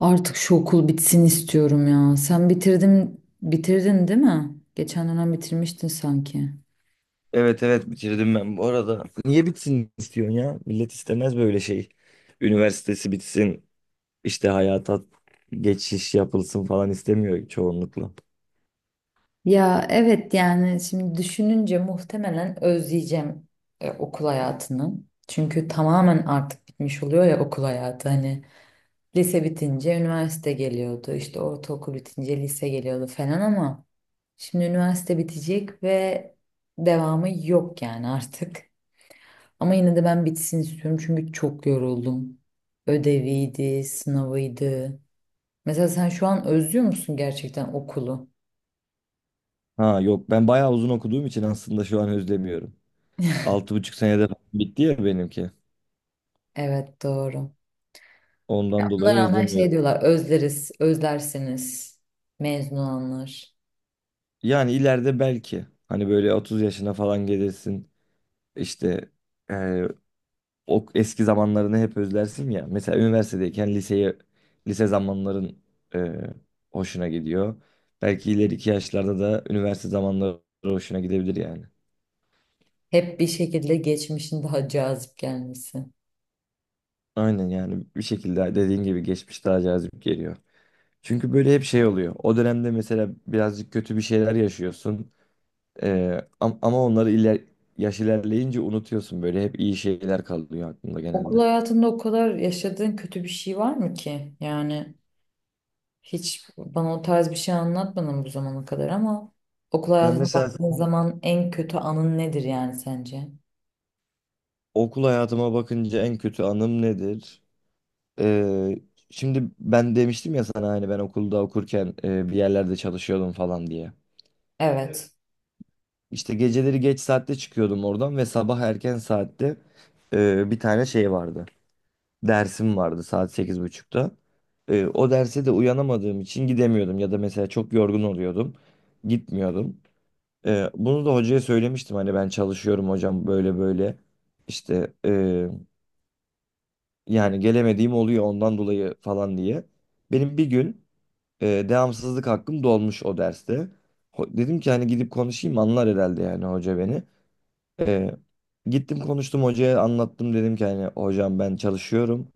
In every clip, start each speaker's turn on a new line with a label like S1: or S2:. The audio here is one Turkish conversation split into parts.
S1: Artık şu okul bitsin istiyorum ya. Sen bitirdin, bitirdin değil mi? Geçen dönem bitirmiştin sanki.
S2: Evet evet bitirdim ben bu arada. Niye bitsin istiyorsun ya? Millet istemez böyle şey. Üniversitesi bitsin, işte hayata geçiş yapılsın falan istemiyor çoğunlukla.
S1: Ya evet yani şimdi düşününce muhtemelen özleyeceğim okul hayatını. Çünkü tamamen artık bitmiş oluyor ya okul hayatı. Hani lise bitince üniversite geliyordu, işte ortaokul bitince lise geliyordu falan ama şimdi üniversite bitecek ve devamı yok yani artık. Ama yine de ben bitsin istiyorum çünkü çok yoruldum. Ödeviydi, sınavıydı. Mesela sen şu an özlüyor musun gerçekten okulu?
S2: Ha yok ben bayağı uzun okuduğum için aslında şu an özlemiyorum. 6,5 senede falan bitti ya benimki.
S1: Evet doğru.
S2: Ondan dolayı
S1: Buna rağmen şey
S2: özlemiyorum.
S1: diyorlar özleriz, özlersiniz mezun olanlar.
S2: Yani ileride belki hani böyle 30 yaşına falan gelirsin. İşte o eski zamanlarını hep özlersin ya. Mesela üniversitedeyken liseyi lise zamanların e, hoşuna gidiyor. Belki ileriki yaşlarda da üniversite zamanları hoşuna gidebilir yani.
S1: Hep bir şekilde geçmişin daha cazip gelmesi.
S2: Aynen yani bir şekilde dediğin gibi geçmiş daha cazip geliyor. Çünkü böyle hep şey oluyor. O dönemde mesela birazcık kötü bir şeyler yaşıyorsun. E, ama onları yaş ilerleyince unutuyorsun böyle. Hep iyi şeyler kalıyor aklında
S1: Okul
S2: genelde.
S1: hayatında o kadar yaşadığın kötü bir şey var mı ki? Yani hiç bana o tarz bir şey anlatmadın bu zamana kadar ama okul
S2: Ya
S1: hayatına
S2: mesela
S1: baktığın zaman en kötü anın nedir yani sence?
S2: okul hayatıma bakınca en kötü anım nedir? Ee, Şimdi ben demiştim ya sana hani ben okulda okurken bir yerlerde çalışıyordum falan diye.
S1: Evet.
S2: İşte geceleri geç saatte çıkıyordum oradan ve sabah erken saatte bir tane şey vardı. Dersim vardı saat 8.30'da. O derse de uyanamadığım için gidemiyordum ya da mesela çok yorgun oluyordum. Gitmiyordum. Bunu da hocaya söylemiştim hani ben çalışıyorum hocam böyle böyle. İşte yani gelemediğim oluyor ondan dolayı falan diye. Benim bir gün devamsızlık hakkım dolmuş o derste. Dedim ki hani gidip konuşayım anlar herhalde yani hoca beni. E, Gittim konuştum hocaya anlattım dedim ki hani hocam ben çalışıyorum.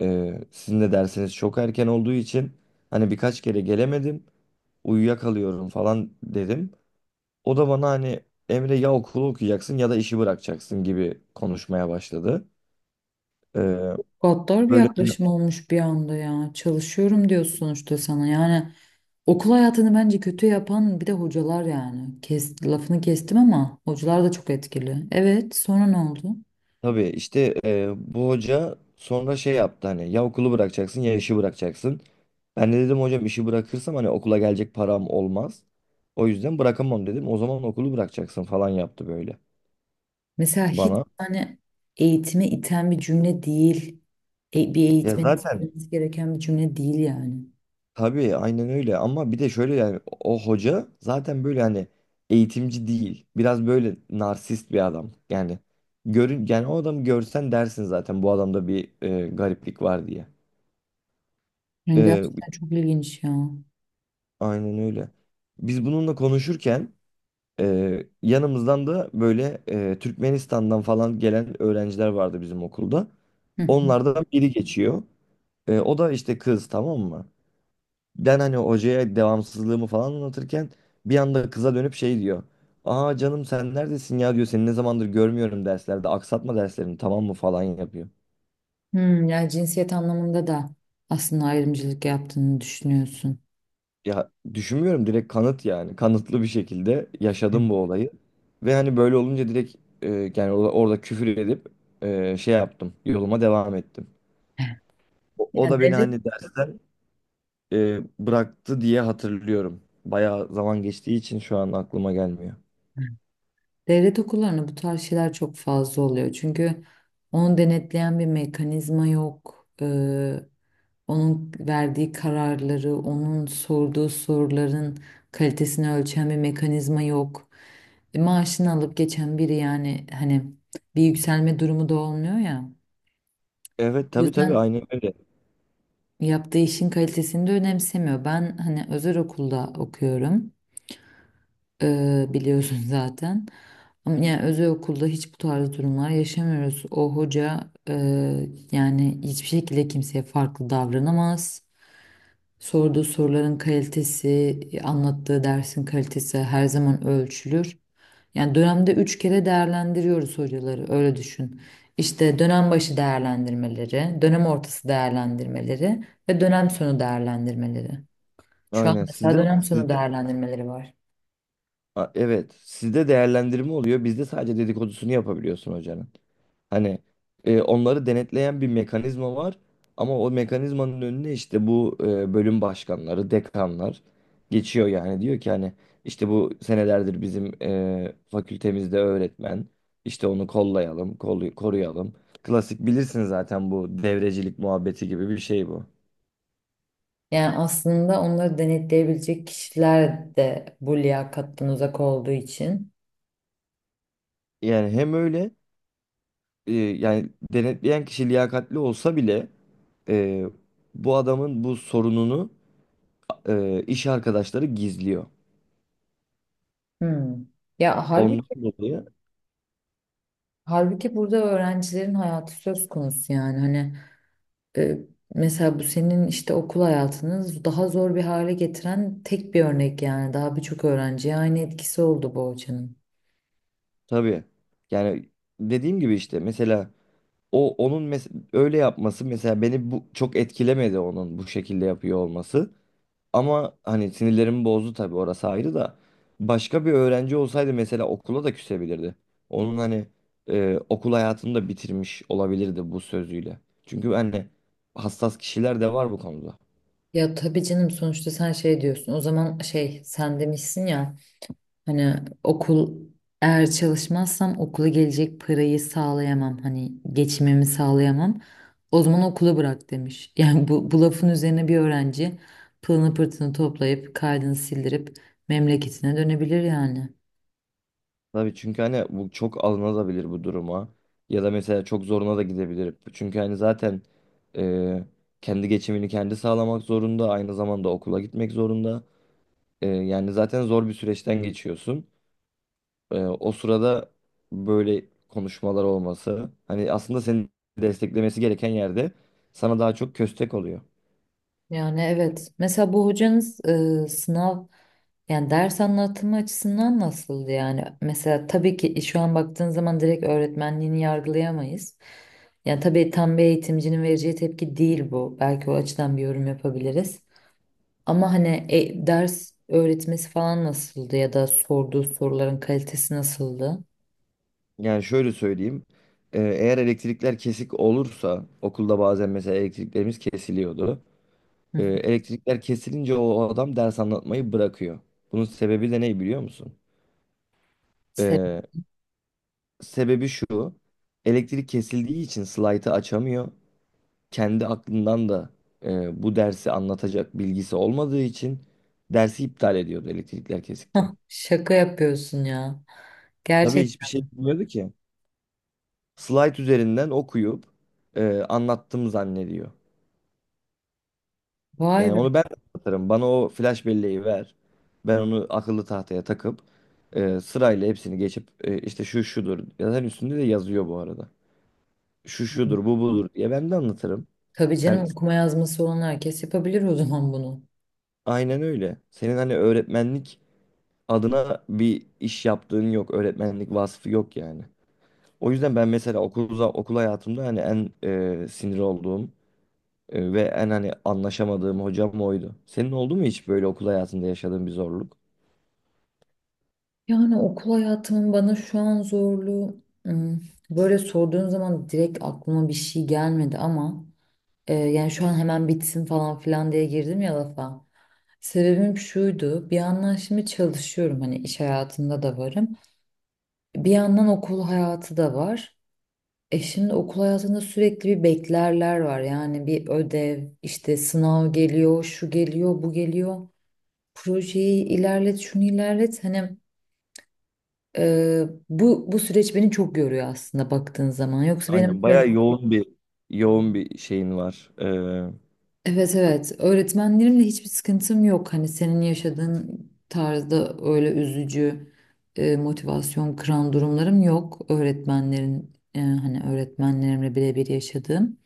S2: Sizin de dersiniz çok erken olduğu için hani birkaç kere gelemedim. Uyuyakalıyorum falan dedim. O da bana hani Emre ya okulu okuyacaksın ya da işi bırakacaksın gibi konuşmaya başladı. E,
S1: Gaddar bir
S2: böyle
S1: yaklaşım olmuş bir anda ya. Çalışıyorum diyorsun sonuçta sana. Yani okul hayatını bence kötü yapan bir de hocalar yani. Lafını kestim ama hocalar da çok etkili. Evet, sonra ne oldu?
S2: Tabii işte bu hoca sonra şey yaptı hani ya okulu bırakacaksın ya işi bırakacaksın. Ben de dedim hocam işi bırakırsam hani okula gelecek param olmaz. O yüzden bırakamam dedim. O zaman okulu bırakacaksın falan yaptı böyle
S1: Mesela hiç
S2: bana.
S1: hani eğitime iten bir cümle değil. E, bir
S2: Ya
S1: eğitmenin
S2: zaten
S1: söylemesi gereken bir cümle değil yani.
S2: tabii aynen öyle ama bir de şöyle yani o hoca zaten böyle hani eğitimci değil. Biraz böyle narsist bir adam. Yani görün yani o adamı görsen dersin zaten bu adamda bir gariplik var
S1: Yani
S2: diye.
S1: gerçekten çok ilginç ya.
S2: Aynen öyle. Biz bununla konuşurken yanımızdan da böyle Türkmenistan'dan falan gelen öğrenciler vardı bizim okulda.
S1: Hı hı.
S2: Onlardan biri geçiyor. O da işte kız tamam mı? Ben hani hocaya devamsızlığımı falan anlatırken bir anda kıza dönüp şey diyor. Aa canım sen neredesin ya diyor. Seni ne zamandır görmüyorum derslerde. Aksatma derslerini tamam mı falan yapıyor.
S1: Hmm, yani cinsiyet anlamında da aslında ayrımcılık yaptığını düşünüyorsun.
S2: Ya düşünmüyorum direkt kanıt yani. Kanıtlı bir şekilde
S1: Hı.
S2: yaşadım bu olayı. Ve hani böyle olunca direkt e, yani orada küfür edip şey yaptım. Yoluma devam ettim. O
S1: Yani
S2: da beni
S1: devlet
S2: hani dersten e, bıraktı diye hatırlıyorum. Bayağı zaman geçtiği için şu an aklıma gelmiyor.
S1: Devlet okullarında bu tarz şeyler çok fazla oluyor. Çünkü onu denetleyen bir mekanizma yok. Onun verdiği kararları, onun sorduğu soruların kalitesini ölçen bir mekanizma yok. E, maaşını alıp geçen biri yani hani bir yükselme durumu da olmuyor ya.
S2: Evet
S1: O
S2: tabii tabii
S1: yüzden
S2: aynen öyle.
S1: yaptığı işin kalitesini de önemsemiyor. Ben hani özel okulda okuyorum. Biliyorsun zaten. Ama yani özel okulda hiç bu tarz durumlar yaşamıyoruz. O hoca yani hiçbir şekilde kimseye farklı davranamaz. Sorduğu soruların kalitesi, anlattığı dersin kalitesi her zaman ölçülür. Yani dönemde üç kere değerlendiriyoruz hocaları, öyle düşün. İşte dönem başı değerlendirmeleri, dönem ortası değerlendirmeleri ve dönem sonu değerlendirmeleri. Şu an
S2: Aynen.
S1: mesela
S2: Sizde
S1: dönem sonu
S2: sizde
S1: değerlendirmeleri var.
S2: Evet, sizde değerlendirme oluyor. Bizde sadece dedikodusunu yapabiliyorsun hocanın. Hani onları denetleyen bir mekanizma var ama o mekanizmanın önüne işte bu bölüm başkanları, dekanlar geçiyor yani diyor ki hani işte bu senelerdir bizim fakültemizde öğretmen işte onu kollayalım, koruyalım. Klasik bilirsin zaten bu devrecilik muhabbeti gibi bir şey bu.
S1: Yani aslında onları denetleyebilecek kişiler de bu liyakattan uzak olduğu için.
S2: Yani hem öyle yani denetleyen kişi liyakatli olsa bile e, bu adamın bu sorununu iş arkadaşları gizliyor.
S1: Hmm. Ya
S2: Ondan
S1: halbuki,
S2: dolayı.
S1: halbuki burada öğrencilerin hayatı söz konusu yani. Hani e, mesela bu senin işte okul hayatını daha zor bir hale getiren tek bir örnek yani. Daha birçok öğrenciye aynı etkisi oldu bu hocanın.
S2: Tabii. Yani dediğim gibi işte mesela o onun öyle yapması mesela beni bu çok etkilemedi onun bu şekilde yapıyor olması. Ama hani sinirlerimi bozdu tabii orası ayrı da başka bir öğrenci olsaydı mesela okula da küsebilirdi. Onun hani okul hayatını da bitirmiş olabilirdi bu sözüyle. Çünkü hani hassas kişiler de var bu konuda.
S1: Ya tabii canım sonuçta sen şey diyorsun. O zaman şey sen demişsin ya. Hani okul eğer çalışmazsam okula gelecek parayı sağlayamam. Hani geçimimi sağlayamam. O zaman okulu bırak demiş. Yani bu lafın üzerine bir öğrenci pılını pırtını toplayıp kaydını sildirip memleketine dönebilir yani.
S2: Tabii çünkü hani bu çok alınabilir bu duruma. Ya da mesela çok zoruna da gidebilir. Çünkü hani zaten e, kendi geçimini kendi sağlamak zorunda. Aynı zamanda okula gitmek zorunda. Yani zaten zor bir süreçten geçiyorsun. O sırada böyle konuşmalar olması. Hani aslında seni desteklemesi gereken yerde sana daha çok köstek oluyor.
S1: Yani evet. Mesela bu hocanız sınav yani ders anlatımı açısından nasıldı yani? Mesela tabii ki şu an baktığın zaman direkt öğretmenliğini yargılayamayız. Yani tabii tam bir eğitimcinin vereceği tepki değil bu. Belki o açıdan bir yorum yapabiliriz. Ama hani ders öğretmesi falan nasıldı ya da sorduğu soruların kalitesi nasıldı?
S2: Yani şöyle söyleyeyim. Eğer elektrikler kesik olursa okulda bazen mesela elektriklerimiz kesiliyordu. Elektrikler kesilince o adam ders anlatmayı bırakıyor. Bunun sebebi de ne biliyor musun? Ee, Sebebi şu. Elektrik kesildiği için slaytı açamıyor. Kendi aklından da bu dersi anlatacak bilgisi olmadığı için dersi iptal ediyordu elektrikler kesikken.
S1: Şaka yapıyorsun ya.
S2: Tabii hiçbir
S1: Gerçekten.
S2: şey bilmiyordu ki. Slide üzerinden okuyup anlattım zannediyor.
S1: Vay
S2: Yani
S1: be.
S2: onu ben de anlatırım. Bana o flash belleği ver. Ben onu akıllı tahtaya takıp sırayla hepsini geçip işte şu şudur. Yazan üstünde de yazıyor bu arada. Şu şudur, bu budur diye ben de anlatırım.
S1: Tabii
S2: Sen
S1: canım okuma yazması olan herkes yapabilir o zaman bunu.
S2: aynen öyle. Senin hani öğretmenlik adına bir iş yaptığın yok, öğretmenlik vasfı yok yani. O yüzden ben mesela okul hayatımda hani en sinir olduğum ve en hani anlaşamadığım hocam oydu. Senin oldu mu hiç böyle okul hayatında yaşadığın bir zorluk?
S1: Yani okul hayatımın bana şu an zorluğu böyle sorduğun zaman direkt aklıma bir şey gelmedi ama yani şu an hemen bitsin falan filan diye girdim ya lafa. Sebebim şuydu bir yandan şimdi çalışıyorum hani iş hayatında da varım. Bir yandan okul hayatı da var. E şimdi okul hayatında sürekli bir beklerler var. Yani bir ödev, işte sınav geliyor, şu geliyor, bu geliyor. Projeyi ilerlet, şunu ilerlet. Hani bu süreç beni çok yoruyor aslında baktığın zaman.
S2: Aynen bayağı yoğun bir şeyin var.
S1: Evet, evet, öğretmenlerimle hiçbir sıkıntım yok. Hani senin yaşadığın tarzda öyle üzücü motivasyon kıran durumlarım yok. Öğretmenlerin hani öğretmenlerimle birebir yaşadığım.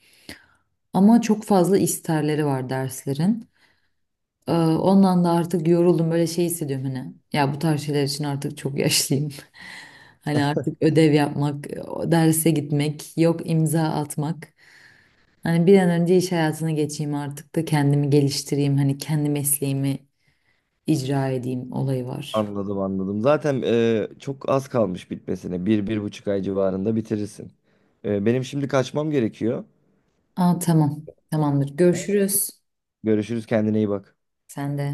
S1: Ama çok fazla isterleri var derslerin. Ondan da artık yoruldum böyle şey hissediyorum hani. Ya bu tarz şeyler için artık çok yaşlıyım. Hani artık ödev yapmak, derse gitmek, yok imza atmak. Hani bir an önce iş hayatına geçeyim artık da kendimi geliştireyim. Hani kendi mesleğimi icra edeyim olayı var.
S2: Anladım anladım. Zaten çok az kalmış bitmesine. 1,5 ay civarında bitirirsin. Benim şimdi kaçmam gerekiyor.
S1: Aa tamam. Tamamdır. Görüşürüz.
S2: Görüşürüz, kendine iyi bak.
S1: Sen de.